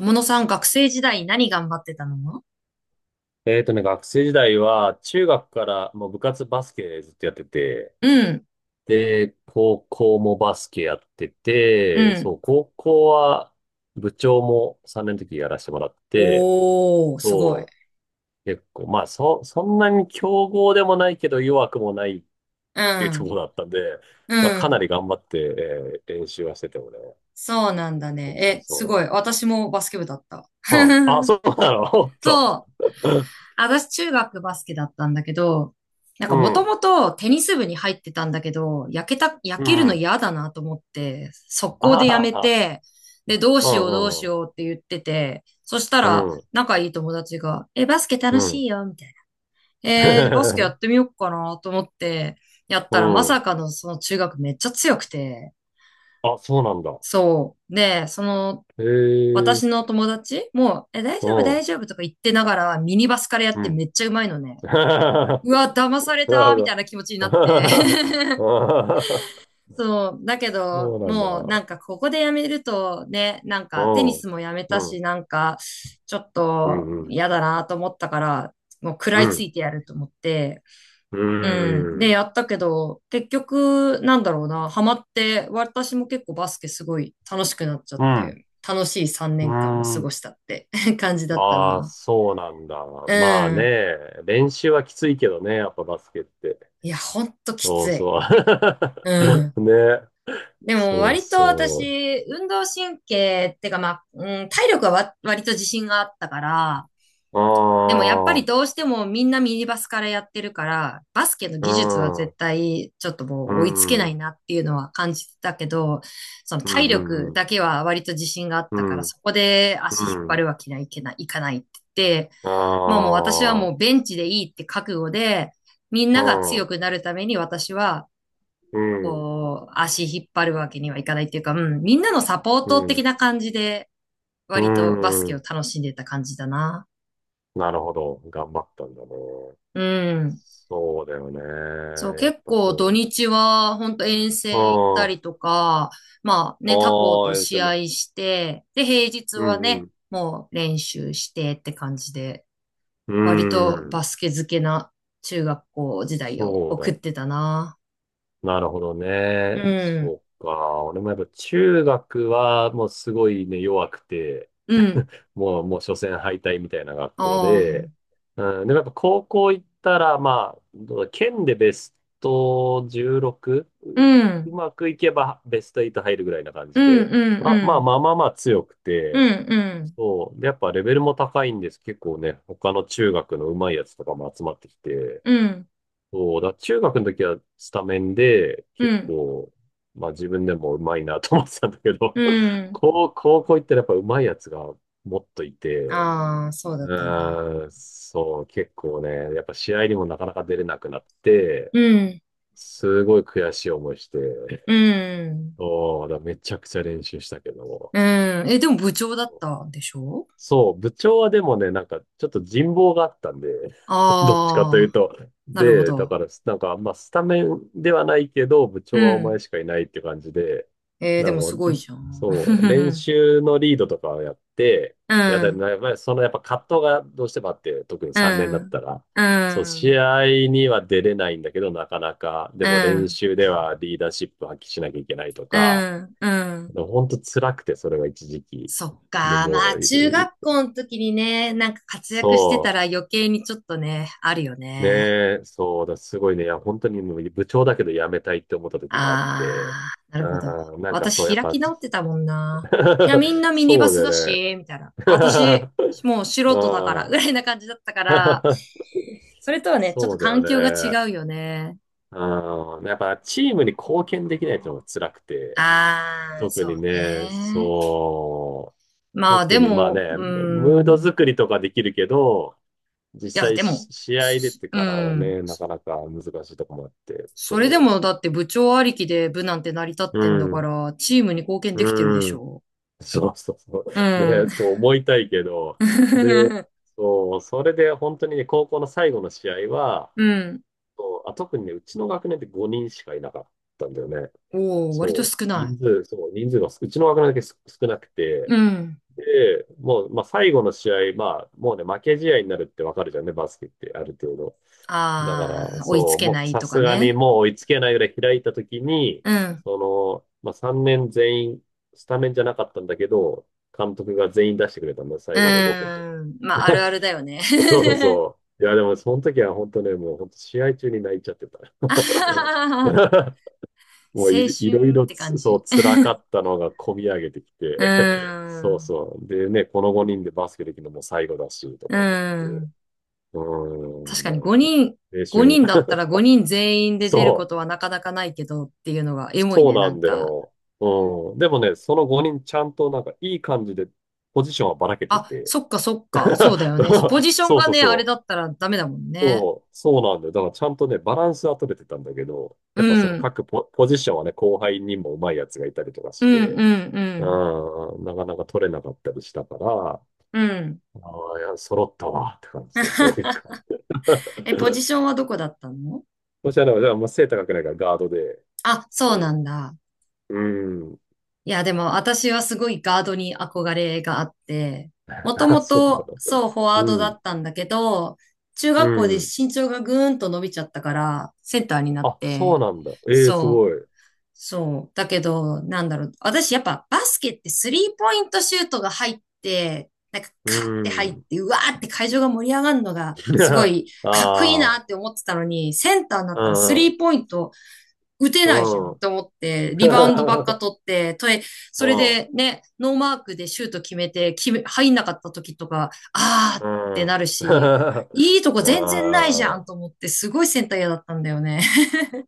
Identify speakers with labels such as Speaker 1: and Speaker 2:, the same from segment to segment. Speaker 1: 友野さん、学生時代何頑張ってたの？
Speaker 2: 学生時代は、中学からもう部活バスケずっとやってて、
Speaker 1: うん、
Speaker 2: で、高校もバスケやって
Speaker 1: う
Speaker 2: て、
Speaker 1: ん。
Speaker 2: そう、高校は部長も3年の時やらせてもらって、
Speaker 1: おー、すごい。
Speaker 2: そう、結構、まあ、そんなに強豪でもないけど弱くもないっ
Speaker 1: う
Speaker 2: ていうとこ
Speaker 1: ん、
Speaker 2: ろだったんで、
Speaker 1: う
Speaker 2: まあ、かなり
Speaker 1: ん。
Speaker 2: 頑張って、練習はしててもね。
Speaker 1: そうなんだ
Speaker 2: そ
Speaker 1: ね。
Speaker 2: うそう
Speaker 1: え、すごい。
Speaker 2: そ
Speaker 1: 私もバスケ部だった。
Speaker 2: う。うん。あ、そうなの。 おっと。
Speaker 1: そう。私、中学バスケだったんだけど、なん
Speaker 2: う
Speaker 1: かもと
Speaker 2: ん。
Speaker 1: もとテニス部に入ってたんだけど、焼
Speaker 2: う
Speaker 1: けるの
Speaker 2: ん。
Speaker 1: 嫌だなと思って、速攻でや
Speaker 2: あ
Speaker 1: め
Speaker 2: あ、
Speaker 1: て、で、どう
Speaker 2: う
Speaker 1: しようどう
Speaker 2: ん
Speaker 1: し
Speaker 2: うん
Speaker 1: ようって言ってて、そした
Speaker 2: う
Speaker 1: ら
Speaker 2: ん。うん
Speaker 1: 仲いい友達が、え、バスケ
Speaker 2: う
Speaker 1: 楽し
Speaker 2: ん。
Speaker 1: いよ、みたいな。バスケや ってみようかなと思って、やっ
Speaker 2: う
Speaker 1: たらまさ
Speaker 2: ん。
Speaker 1: かのその中学めっちゃ強くて、
Speaker 2: あ、そうなんだ。
Speaker 1: そう。で、
Speaker 2: へ
Speaker 1: 私
Speaker 2: え。
Speaker 1: の友達も、え、大
Speaker 2: う
Speaker 1: 丈夫、
Speaker 2: ん。
Speaker 1: 大丈夫とか言ってながら、ミニバスからやっ
Speaker 2: う
Speaker 1: て
Speaker 2: ん。
Speaker 1: めっちゃうまいのね。う
Speaker 2: な
Speaker 1: わ、騙され
Speaker 2: る
Speaker 1: た
Speaker 2: ほ
Speaker 1: みたい
Speaker 2: ど。
Speaker 1: な気持ちになって。そう。だけど、
Speaker 2: そうなんだ。
Speaker 1: もうなんかここでやめるとね、なんかテ
Speaker 2: う
Speaker 1: ニ
Speaker 2: ん。
Speaker 1: スもやめた
Speaker 2: う
Speaker 1: し、
Speaker 2: ん。
Speaker 1: なんかちょっ
Speaker 2: う
Speaker 1: と
Speaker 2: ん。
Speaker 1: 嫌だなと思ったから、もう食
Speaker 2: う
Speaker 1: らいつ
Speaker 2: ん。
Speaker 1: いてやると思って、
Speaker 2: う
Speaker 1: うん。
Speaker 2: ん。う
Speaker 1: で、
Speaker 2: ん。
Speaker 1: やったけど、結局、なんだろうな、ハマって、私も結構バスケすごい楽しくなっちゃ
Speaker 2: う
Speaker 1: っ
Speaker 2: ん。
Speaker 1: て、楽しい3
Speaker 2: う
Speaker 1: 年間を過
Speaker 2: ん。
Speaker 1: ごしたって 感じだった
Speaker 2: ああ、
Speaker 1: な。
Speaker 2: そうなんだ。
Speaker 1: う
Speaker 2: まあ
Speaker 1: ん。
Speaker 2: ね、練習はきついけどね、やっぱバスケって。
Speaker 1: いや、ほんとき
Speaker 2: そう
Speaker 1: つい。
Speaker 2: そ
Speaker 1: うん。
Speaker 2: う。ね。
Speaker 1: でも、
Speaker 2: そう
Speaker 1: 割と
Speaker 2: そ
Speaker 1: 私、運動神経ってか、まあ、うん、体力は割と自信があったから、
Speaker 2: う。
Speaker 1: でもやっぱり
Speaker 2: ああ、
Speaker 1: どうしてもみんなミニバスからやってるから、バスケの
Speaker 2: う
Speaker 1: 技術は
Speaker 2: ん。
Speaker 1: 絶対ちょっと
Speaker 2: う
Speaker 1: もう追いつけない
Speaker 2: ん。
Speaker 1: なっていうのは感じてたけど、その
Speaker 2: う
Speaker 1: 体
Speaker 2: んう
Speaker 1: 力
Speaker 2: んう
Speaker 1: だけは割と自信があったか
Speaker 2: ん。
Speaker 1: ら、
Speaker 2: うん
Speaker 1: そこで足引っ
Speaker 2: う
Speaker 1: 張
Speaker 2: ん。
Speaker 1: るわけにはいかないって言って、
Speaker 2: あ
Speaker 1: まあもう私はもう
Speaker 2: あ。
Speaker 1: ベンチでいいって覚悟で、みんなが強くなるために私は、
Speaker 2: うん。うん。
Speaker 1: こう、足引っ張るわけにはいかないっていうか、うん、みんなのサポート的
Speaker 2: う
Speaker 1: な感じで、
Speaker 2: ん。
Speaker 1: 割とバス
Speaker 2: う
Speaker 1: ケを
Speaker 2: ん。
Speaker 1: 楽しんでた感じだな。
Speaker 2: なるほど。頑張ったんだね。
Speaker 1: うん。
Speaker 2: そうだよね。
Speaker 1: そう、
Speaker 2: やっ
Speaker 1: 結
Speaker 2: ぱ
Speaker 1: 構土
Speaker 2: そ
Speaker 1: 日は本当遠
Speaker 2: う。
Speaker 1: 征行っ
Speaker 2: あ
Speaker 1: たり
Speaker 2: あ。
Speaker 1: とか、まあね、他校
Speaker 2: あ
Speaker 1: と
Speaker 2: あ、え、で
Speaker 1: 試合
Speaker 2: も。
Speaker 1: して、で、平日
Speaker 2: う
Speaker 1: は
Speaker 2: んう
Speaker 1: ね、
Speaker 2: ん。
Speaker 1: もう練習してって感じで、
Speaker 2: う
Speaker 1: 割と
Speaker 2: ん。
Speaker 1: バスケ漬けな中学校時代を
Speaker 2: そう
Speaker 1: 送っ
Speaker 2: だ。
Speaker 1: てたな。
Speaker 2: なるほど
Speaker 1: う
Speaker 2: ね。
Speaker 1: ん、
Speaker 2: そうか。俺もやっぱ中学はもうすごいね、弱くて。
Speaker 1: うん、
Speaker 2: もう初戦敗退みたいな学校
Speaker 1: ああ、
Speaker 2: で、うん、でもやっぱ高校行ったら、まあ、どうだ県でベスト16、
Speaker 1: う
Speaker 2: う
Speaker 1: ん、
Speaker 2: まくいけばベスト8入るぐらいな感
Speaker 1: う
Speaker 2: じ
Speaker 1: ん、
Speaker 2: で、
Speaker 1: うん、
Speaker 2: まあま
Speaker 1: う
Speaker 2: あ
Speaker 1: ん、
Speaker 2: まあまあまあ強く
Speaker 1: う
Speaker 2: て、
Speaker 1: ん、
Speaker 2: そう。で、やっぱレベルも高いんです。結構ね、他の中学の上手いやつとかも集まってきて、
Speaker 1: うん、うん、
Speaker 2: そう。だから中学の時はスタメンで、
Speaker 1: う
Speaker 2: 結
Speaker 1: ん。
Speaker 2: 構、まあ自分でも上手いなと思ってたんだけど、
Speaker 1: う ん。
Speaker 2: 高校行ったらやっぱ上手いやつがもっといて、
Speaker 1: ああ、そうだ
Speaker 2: う
Speaker 1: ったんだ。
Speaker 2: ーん、そう、結構ね、やっぱ試合にもなかなか出れなくなって、
Speaker 1: うん、
Speaker 2: すごい悔しい思いして、
Speaker 1: うん、
Speaker 2: おー、だからめちゃくちゃ練習したけども、
Speaker 1: うん。え、
Speaker 2: そ
Speaker 1: でも部長だっ
Speaker 2: う
Speaker 1: たんでしょ？
Speaker 2: そう、部長はでもね、なんか、ちょっと人望があったんで、どっちかとい
Speaker 1: あ
Speaker 2: う
Speaker 1: あ、
Speaker 2: と。
Speaker 1: なるほ
Speaker 2: で、だ
Speaker 1: ど。
Speaker 2: から、なんか、まあ、スタメンではないけど、部
Speaker 1: う
Speaker 2: 長はお前
Speaker 1: ん。
Speaker 2: しかいないって感じで、
Speaker 1: えー、
Speaker 2: な
Speaker 1: で
Speaker 2: ん
Speaker 1: もすご
Speaker 2: か、
Speaker 1: いじゃん。
Speaker 2: そう、練 習のリードとかをやって、
Speaker 1: う
Speaker 2: いや、
Speaker 1: ん、う
Speaker 2: で
Speaker 1: ん、
Speaker 2: もやっぱりそのやっぱ葛藤がどうしてもあって、特に
Speaker 1: う
Speaker 2: 3年だっ
Speaker 1: ん、
Speaker 2: たら、
Speaker 1: う
Speaker 2: そう、試
Speaker 1: ん、
Speaker 2: 合には出れないんだけど、なかなか、でも練習ではリーダーシップ発揮しなきゃいけないと
Speaker 1: う
Speaker 2: か、
Speaker 1: ん、うん。
Speaker 2: 本当辛くて、それが一時期。
Speaker 1: そっ
Speaker 2: で
Speaker 1: か。ま
Speaker 2: も
Speaker 1: あ、
Speaker 2: う、
Speaker 1: 中
Speaker 2: い
Speaker 1: 学校の時にね、なんか活躍してた
Speaker 2: そ
Speaker 1: ら余計にちょっとね、あるよ
Speaker 2: う。ね
Speaker 1: ね。
Speaker 2: え、そうだ、すごいね。いや、本当にもう部長だけど辞めたいって思った時もあって。
Speaker 1: ああ、なるほど。
Speaker 2: うん、なんかそう、
Speaker 1: 私
Speaker 2: やっ
Speaker 1: 開
Speaker 2: ぱ、
Speaker 1: き
Speaker 2: じ
Speaker 1: 直ってたもんな。いや、みん なミニバ
Speaker 2: そうだ
Speaker 1: ス
Speaker 2: よ
Speaker 1: だ
Speaker 2: ね。
Speaker 1: し、みたいな。私、もう
Speaker 2: う
Speaker 1: 素人だから、ぐ
Speaker 2: ん。
Speaker 1: らいな感じだったから、それとはね、ちょっ
Speaker 2: そ
Speaker 1: と
Speaker 2: うだよ
Speaker 1: 環境が違
Speaker 2: ね。
Speaker 1: うよね。
Speaker 2: うん。やっぱチームに貢献できないってのが辛くて。
Speaker 1: ああ、
Speaker 2: 特
Speaker 1: そ
Speaker 2: に
Speaker 1: う
Speaker 2: ね、
Speaker 1: ね。
Speaker 2: そう。
Speaker 1: まあで
Speaker 2: 特にまあ
Speaker 1: も、
Speaker 2: ね、
Speaker 1: う
Speaker 2: ムード
Speaker 1: ん。
Speaker 2: 作りとかできるけど、実
Speaker 1: いや、
Speaker 2: 際
Speaker 1: で
Speaker 2: し
Speaker 1: も、
Speaker 2: 試合出て
Speaker 1: う
Speaker 2: からが
Speaker 1: ん。
Speaker 2: ね、なかなか難しいとこもあって、
Speaker 1: それで
Speaker 2: そ
Speaker 1: もだって部長ありきで部なんて成り立っ
Speaker 2: う。う
Speaker 1: てんだか
Speaker 2: ん。
Speaker 1: ら、チームに貢献できてるでし
Speaker 2: うん。
Speaker 1: ょ？
Speaker 2: そうそうそう。
Speaker 1: う
Speaker 2: ね、ちょ
Speaker 1: ん。
Speaker 2: っと思いたいけど。で、そう、それで本当にね、高校の最後の試合は、
Speaker 1: うん。
Speaker 2: そう、あ、特にね、うちの学年で5人しかいなかったんだよね。
Speaker 1: おお、割と
Speaker 2: そ
Speaker 1: 少
Speaker 2: う。
Speaker 1: な
Speaker 2: 人数、そう、人数が、うちの学年だけ少なく
Speaker 1: い。
Speaker 2: て、
Speaker 1: うん。
Speaker 2: で、もう、まあ、最後の試合、まあ、もうね、負け試合になるってわかるじゃんね、バスケって、ある程度。だか
Speaker 1: あ
Speaker 2: ら、
Speaker 1: あ、追いつ
Speaker 2: そう、
Speaker 1: け
Speaker 2: も
Speaker 1: な
Speaker 2: う
Speaker 1: い
Speaker 2: さ
Speaker 1: とか
Speaker 2: すがに
Speaker 1: ね。
Speaker 2: もう追いつけないぐらい開いたときに、
Speaker 1: うん。
Speaker 2: その、まあ、3年全員、スタメンじゃなかったんだけど、監督が全員出してくれたんだ、
Speaker 1: う
Speaker 2: 最後の5分とか。
Speaker 1: ーん。まあ、ある あるだよね。
Speaker 2: そうそう そう。いや、でもその時は本当ね、もう本当試合中に泣いちゃってた。
Speaker 1: あはははは。
Speaker 2: もう
Speaker 1: 青
Speaker 2: い、いろい
Speaker 1: 春っ
Speaker 2: ろ
Speaker 1: て感
Speaker 2: つ、そ
Speaker 1: じ。
Speaker 2: う、辛かったのが込み上げてき
Speaker 1: う
Speaker 2: て、
Speaker 1: ー
Speaker 2: そう
Speaker 1: ん。
Speaker 2: そう。でね、この5人でバスケできるのも最後だし、と
Speaker 1: うー
Speaker 2: か思って。
Speaker 1: ん。
Speaker 2: うー
Speaker 1: 確
Speaker 2: ん、
Speaker 1: か
Speaker 2: な
Speaker 1: に
Speaker 2: んか
Speaker 1: 5人、
Speaker 2: 青
Speaker 1: 5
Speaker 2: 春。
Speaker 1: 人だっ たら5人全員で出るこ
Speaker 2: そ
Speaker 1: と
Speaker 2: う。
Speaker 1: はなかなかないけどっていうのがエモい
Speaker 2: そう
Speaker 1: ね、
Speaker 2: な
Speaker 1: なん
Speaker 2: んだ
Speaker 1: か。
Speaker 2: よ。うん。でもね、その5人ちゃんとなんかいい感じでポジションはばらけて
Speaker 1: あ、
Speaker 2: て。
Speaker 1: そっかそっか、そうだよね。ポ ジション
Speaker 2: そう
Speaker 1: が
Speaker 2: そう
Speaker 1: ね、あれ
Speaker 2: そ
Speaker 1: だ
Speaker 2: う。
Speaker 1: ったらダメだもんね。
Speaker 2: そう、そうなんだよ。だからちゃんとね、バランスは取れてたんだけど、
Speaker 1: う
Speaker 2: やっぱその
Speaker 1: ん、
Speaker 2: ポジションはね、後輩にも上手いやつがいたりとか
Speaker 1: う
Speaker 2: し
Speaker 1: ん、
Speaker 2: て、
Speaker 1: うん、うん、
Speaker 2: うん、なかなか取れなかったりしたから、あ
Speaker 1: うん。
Speaker 2: あ、いや、揃ったわって感じで、そういう感じ。
Speaker 1: え、ポジショ ンはどこだったの？
Speaker 2: そしたら、じゃあ、まあ、背高くないからガードで、
Speaker 1: あ、そうな
Speaker 2: そ
Speaker 1: んだ。
Speaker 2: う。うん。
Speaker 1: いや、でも私はすごいガードに憧れがあって、も と
Speaker 2: あ、
Speaker 1: も
Speaker 2: そうな
Speaker 1: と
Speaker 2: の。
Speaker 1: そう、フォワー
Speaker 2: う
Speaker 1: ドだ
Speaker 2: ん。
Speaker 1: ったんだけど、中
Speaker 2: う
Speaker 1: 学校で
Speaker 2: ん。
Speaker 1: 身長がぐーんと伸びちゃったから、センターになっ
Speaker 2: あ、そう
Speaker 1: て、
Speaker 2: なんだ。ええー、す
Speaker 1: そ
Speaker 2: ご
Speaker 1: う。
Speaker 2: い。
Speaker 1: そう。だけど、なんだろう。私やっぱバスケってスリーポイントシュートが入って、なんか
Speaker 2: う
Speaker 1: カッて入っ
Speaker 2: ん。
Speaker 1: て、うわーって会場が盛り上がるのがすご い
Speaker 2: あ
Speaker 1: かっこいいな
Speaker 2: あ、
Speaker 1: って思ってたのに、センターにな
Speaker 2: う
Speaker 1: ったらス
Speaker 2: ん、
Speaker 1: リーポイント打て
Speaker 2: う
Speaker 1: ないじゃん
Speaker 2: ん、う
Speaker 1: っ
Speaker 2: ん。
Speaker 1: て思って、リバウンドばっか 取って、
Speaker 2: う
Speaker 1: それ
Speaker 2: ん、
Speaker 1: でね、ノーマークでシュート決めて、入んなかった時とか、あーっ
Speaker 2: う
Speaker 1: てな
Speaker 2: ん。
Speaker 1: るし、いい
Speaker 2: あ
Speaker 1: とこ全然ないじゃん
Speaker 2: あ、
Speaker 1: と思って、すごいセンター嫌だったんだよね。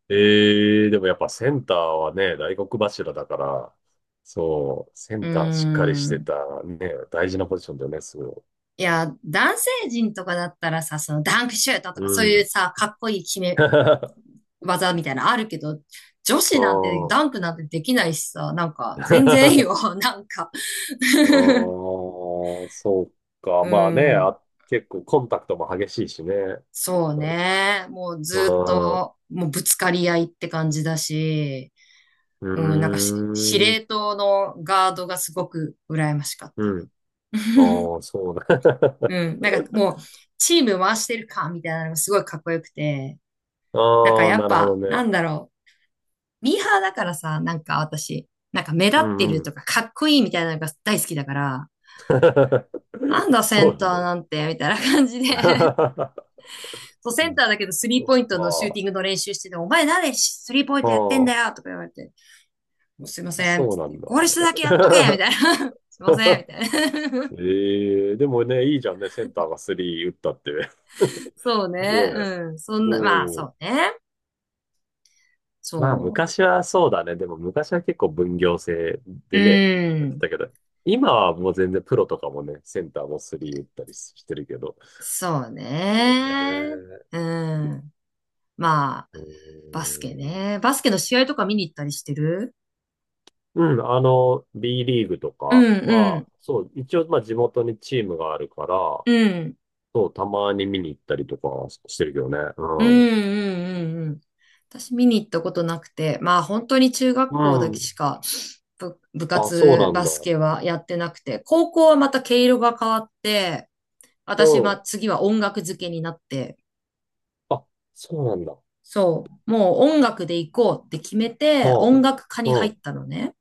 Speaker 2: ええー、でもやっぱセンターはね、大黒柱だから、そう、セ
Speaker 1: うー
Speaker 2: ンターしっかりして
Speaker 1: ん。
Speaker 2: た、ね、大事なポジションだよね、すごい。
Speaker 1: いや、男性陣とかだったらさ、そのダンクシュートと
Speaker 2: う
Speaker 1: かそういう
Speaker 2: ん。
Speaker 1: さ、かっこいい決め 技みたいなのあるけど、女
Speaker 2: う
Speaker 1: 子なんて
Speaker 2: ん。
Speaker 1: ダンクなんてできないしさ、なんか全然いいよ、なんか
Speaker 2: う ん、そうか。
Speaker 1: う
Speaker 2: まあね、
Speaker 1: ん、
Speaker 2: あ、結構コンタクトも激しいしね。
Speaker 1: そうね。もう
Speaker 2: あ
Speaker 1: ずっ
Speaker 2: あ、う
Speaker 1: と、もうぶつかり合いって感じだし、うん、なんか
Speaker 2: ー
Speaker 1: 司
Speaker 2: ん、
Speaker 1: 令塔のガードがすごく羨ましかっ
Speaker 2: う
Speaker 1: た。
Speaker 2: ん。ああ、そうだ。
Speaker 1: う ん、なんかもう、チーム回してるかみたいなのがすごいかっこよくて、なんか
Speaker 2: ああ、
Speaker 1: やっ
Speaker 2: なるほど
Speaker 1: ぱ、な
Speaker 2: ね。
Speaker 1: んだろう。ミーハーだからさ、なんか私、なんか目立
Speaker 2: う
Speaker 1: って
Speaker 2: ん
Speaker 1: る
Speaker 2: う
Speaker 1: と
Speaker 2: ん。
Speaker 1: かかっこいいみたいなのが大好きだから、なんだセ
Speaker 2: そう
Speaker 1: ン
Speaker 2: な
Speaker 1: タ
Speaker 2: んだ
Speaker 1: ー
Speaker 2: ね。
Speaker 1: なんて、みたいな感じで そ う、
Speaker 2: う
Speaker 1: セン
Speaker 2: ん、
Speaker 1: ターだけどスリー
Speaker 2: そっ
Speaker 1: ポイントのシューテ
Speaker 2: か。
Speaker 1: ィングの練習してて、お前何でスリーポイン
Speaker 2: あ
Speaker 1: トやってんだ
Speaker 2: あ、
Speaker 1: よとか言われて、すいませんっ
Speaker 2: そ
Speaker 1: て
Speaker 2: うな
Speaker 1: 言っ
Speaker 2: ん
Speaker 1: て、
Speaker 2: だ。
Speaker 1: ゴール下だけやっとけみたいな。すいませんみたいな。
Speaker 2: ええ、でもね、いいじゃんね、センターが3打ったって。
Speaker 1: そう
Speaker 2: ね
Speaker 1: ね。
Speaker 2: え。
Speaker 1: うん。そんな、まあ
Speaker 2: う
Speaker 1: そ
Speaker 2: ん。
Speaker 1: うね。
Speaker 2: まあ、
Speaker 1: そ
Speaker 2: 昔はそうだね。でも昔は結構分業制
Speaker 1: う。う
Speaker 2: でね、やって
Speaker 1: ん。
Speaker 2: たけど、今はもう全然プロとかもね、センターもスリー打ったりしてるけど。
Speaker 1: そう
Speaker 2: そう
Speaker 1: ね。
Speaker 2: ね。
Speaker 1: うん。まあ、
Speaker 2: う
Speaker 1: バスケ
Speaker 2: ーん。
Speaker 1: ね。バスケの試合とか見に行ったりしてる？
Speaker 2: うん、B リーグと
Speaker 1: う
Speaker 2: か
Speaker 1: んう
Speaker 2: は、
Speaker 1: ん
Speaker 2: そう、一応、まあ、地元にチームがあるから、
Speaker 1: うん
Speaker 2: そう、たまに見に行ったりとかしてるけどね。
Speaker 1: うんう
Speaker 2: う
Speaker 1: んうんうん。私見に行ったことなくて、まあ本当に中学校
Speaker 2: ん。
Speaker 1: だ
Speaker 2: う
Speaker 1: けし
Speaker 2: ん。
Speaker 1: か部
Speaker 2: あ、そう
Speaker 1: 活、
Speaker 2: なん
Speaker 1: バ
Speaker 2: だ。
Speaker 1: スケはやってなくて、高校はまた毛色が変わって、
Speaker 2: う
Speaker 1: 私
Speaker 2: ん。
Speaker 1: は次は音楽漬けになって、
Speaker 2: あ、そうなんだ。
Speaker 1: そう、もう音楽で行こうって決めて、
Speaker 2: う
Speaker 1: 音楽科に
Speaker 2: ん。
Speaker 1: 入
Speaker 2: う
Speaker 1: っ
Speaker 2: ん。
Speaker 1: たのね。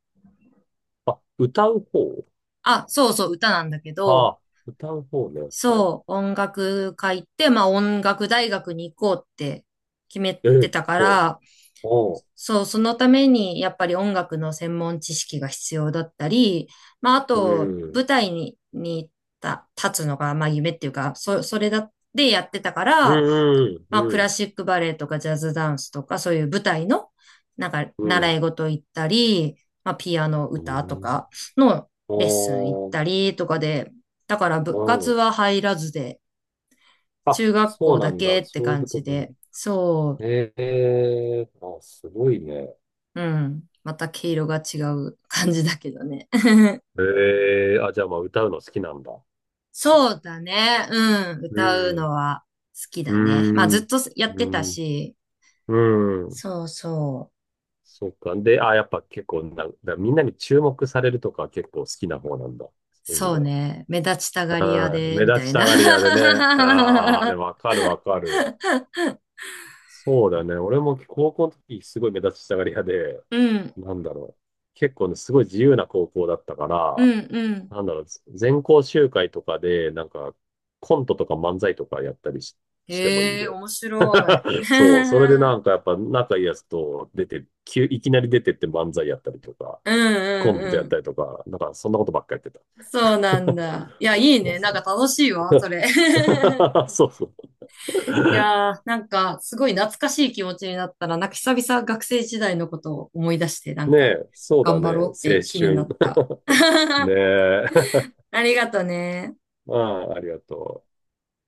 Speaker 2: あ、歌う方？
Speaker 1: あ、そうそう、歌なんだけ
Speaker 2: あ
Speaker 1: ど、
Speaker 2: あ、歌う方ね。はい。
Speaker 1: そう、音楽会行って、まあ音楽大学に行こうって決め
Speaker 2: え
Speaker 1: て
Speaker 2: え、
Speaker 1: たか
Speaker 2: そ
Speaker 1: ら、
Speaker 2: う。おう。
Speaker 1: そう、そのためにやっぱり音楽の専門知識が必要だったり、まああ
Speaker 2: う
Speaker 1: と
Speaker 2: ん。
Speaker 1: 舞台に立つのがまあ夢っていうか、それだでやってたか
Speaker 2: う
Speaker 1: ら、
Speaker 2: ん、う
Speaker 1: まあク
Speaker 2: ん、う
Speaker 1: ラ
Speaker 2: ん、
Speaker 1: シックバレエとかジャズダンスとかそういう舞台のなんか
Speaker 2: う
Speaker 1: 習
Speaker 2: ん。
Speaker 1: い事行ったり、まあピアノ
Speaker 2: う
Speaker 1: 歌と
Speaker 2: ん。
Speaker 1: かのレッスン行っ
Speaker 2: おー、
Speaker 1: たりとかで、だから
Speaker 2: う
Speaker 1: 部活
Speaker 2: ん。
Speaker 1: は入らずで、
Speaker 2: あ、
Speaker 1: 中学
Speaker 2: そ
Speaker 1: 校
Speaker 2: うな
Speaker 1: だ
Speaker 2: んだ。
Speaker 1: けって
Speaker 2: そういう
Speaker 1: 感
Speaker 2: こと
Speaker 1: じ
Speaker 2: ね。
Speaker 1: で、そ
Speaker 2: ええ、あ、すごいね。
Speaker 1: う、うん。また毛色が違う感じだけどね。
Speaker 2: ええ、あ、じゃあまあ歌うの好きなんだ。
Speaker 1: そうだね。うん。
Speaker 2: う
Speaker 1: 歌う
Speaker 2: ん、
Speaker 1: のは好き
Speaker 2: う
Speaker 1: だね。まあずっ
Speaker 2: ん、
Speaker 1: とやっ
Speaker 2: う
Speaker 1: てた
Speaker 2: ん、
Speaker 1: し、
Speaker 2: うん。
Speaker 1: そうそう。
Speaker 2: そっか。で、あ、やっぱ結構な、だみんなに注目されるとか結構好きな方なんだ。そういう意味
Speaker 1: そう
Speaker 2: では。
Speaker 1: ね。目立ちたがり屋
Speaker 2: うん、
Speaker 1: で、
Speaker 2: 目
Speaker 1: みた
Speaker 2: 立ち
Speaker 1: い
Speaker 2: た
Speaker 1: な。
Speaker 2: がり屋でね。ああ、で もわかるわかる。そうだね。俺も高校の時すごい目立ちたがり屋で、
Speaker 1: うん、
Speaker 2: なんだろう。結構ね、すごい自由な高校だったか
Speaker 1: う
Speaker 2: ら、
Speaker 1: ん、うん。
Speaker 2: なんだろう、全校集会とかで、なんか、コントとか漫才とかやったりし、てもいいん
Speaker 1: へ
Speaker 2: だ
Speaker 1: え、
Speaker 2: よ。
Speaker 1: 面白い。
Speaker 2: そう、それで
Speaker 1: う
Speaker 2: な
Speaker 1: ん
Speaker 2: んかやっぱ仲いいやつと出て、いきなり出てって漫才やったりとか、
Speaker 1: う
Speaker 2: コント
Speaker 1: ん
Speaker 2: や
Speaker 1: う
Speaker 2: っ
Speaker 1: ん。
Speaker 2: たりとか、なんかそんなことばっかやってた。
Speaker 1: そうなんだ。いや、い
Speaker 2: そ
Speaker 1: い
Speaker 2: う
Speaker 1: ね。な
Speaker 2: そ
Speaker 1: ん
Speaker 2: う
Speaker 1: か楽
Speaker 2: そ
Speaker 1: しいわ、そ
Speaker 2: う。
Speaker 1: れ。
Speaker 2: そうそう、
Speaker 1: いやー、なんか、すごい懐かしい気持ちになったら、なんか久々学生時代のことを思い出して、なん
Speaker 2: ね
Speaker 1: か、
Speaker 2: え、そうだ
Speaker 1: 頑
Speaker 2: ね。
Speaker 1: 張ろうっ
Speaker 2: 青
Speaker 1: て気にな
Speaker 2: 春。
Speaker 1: った。
Speaker 2: ね え。
Speaker 1: ありがとね。
Speaker 2: ああ、ありがとう。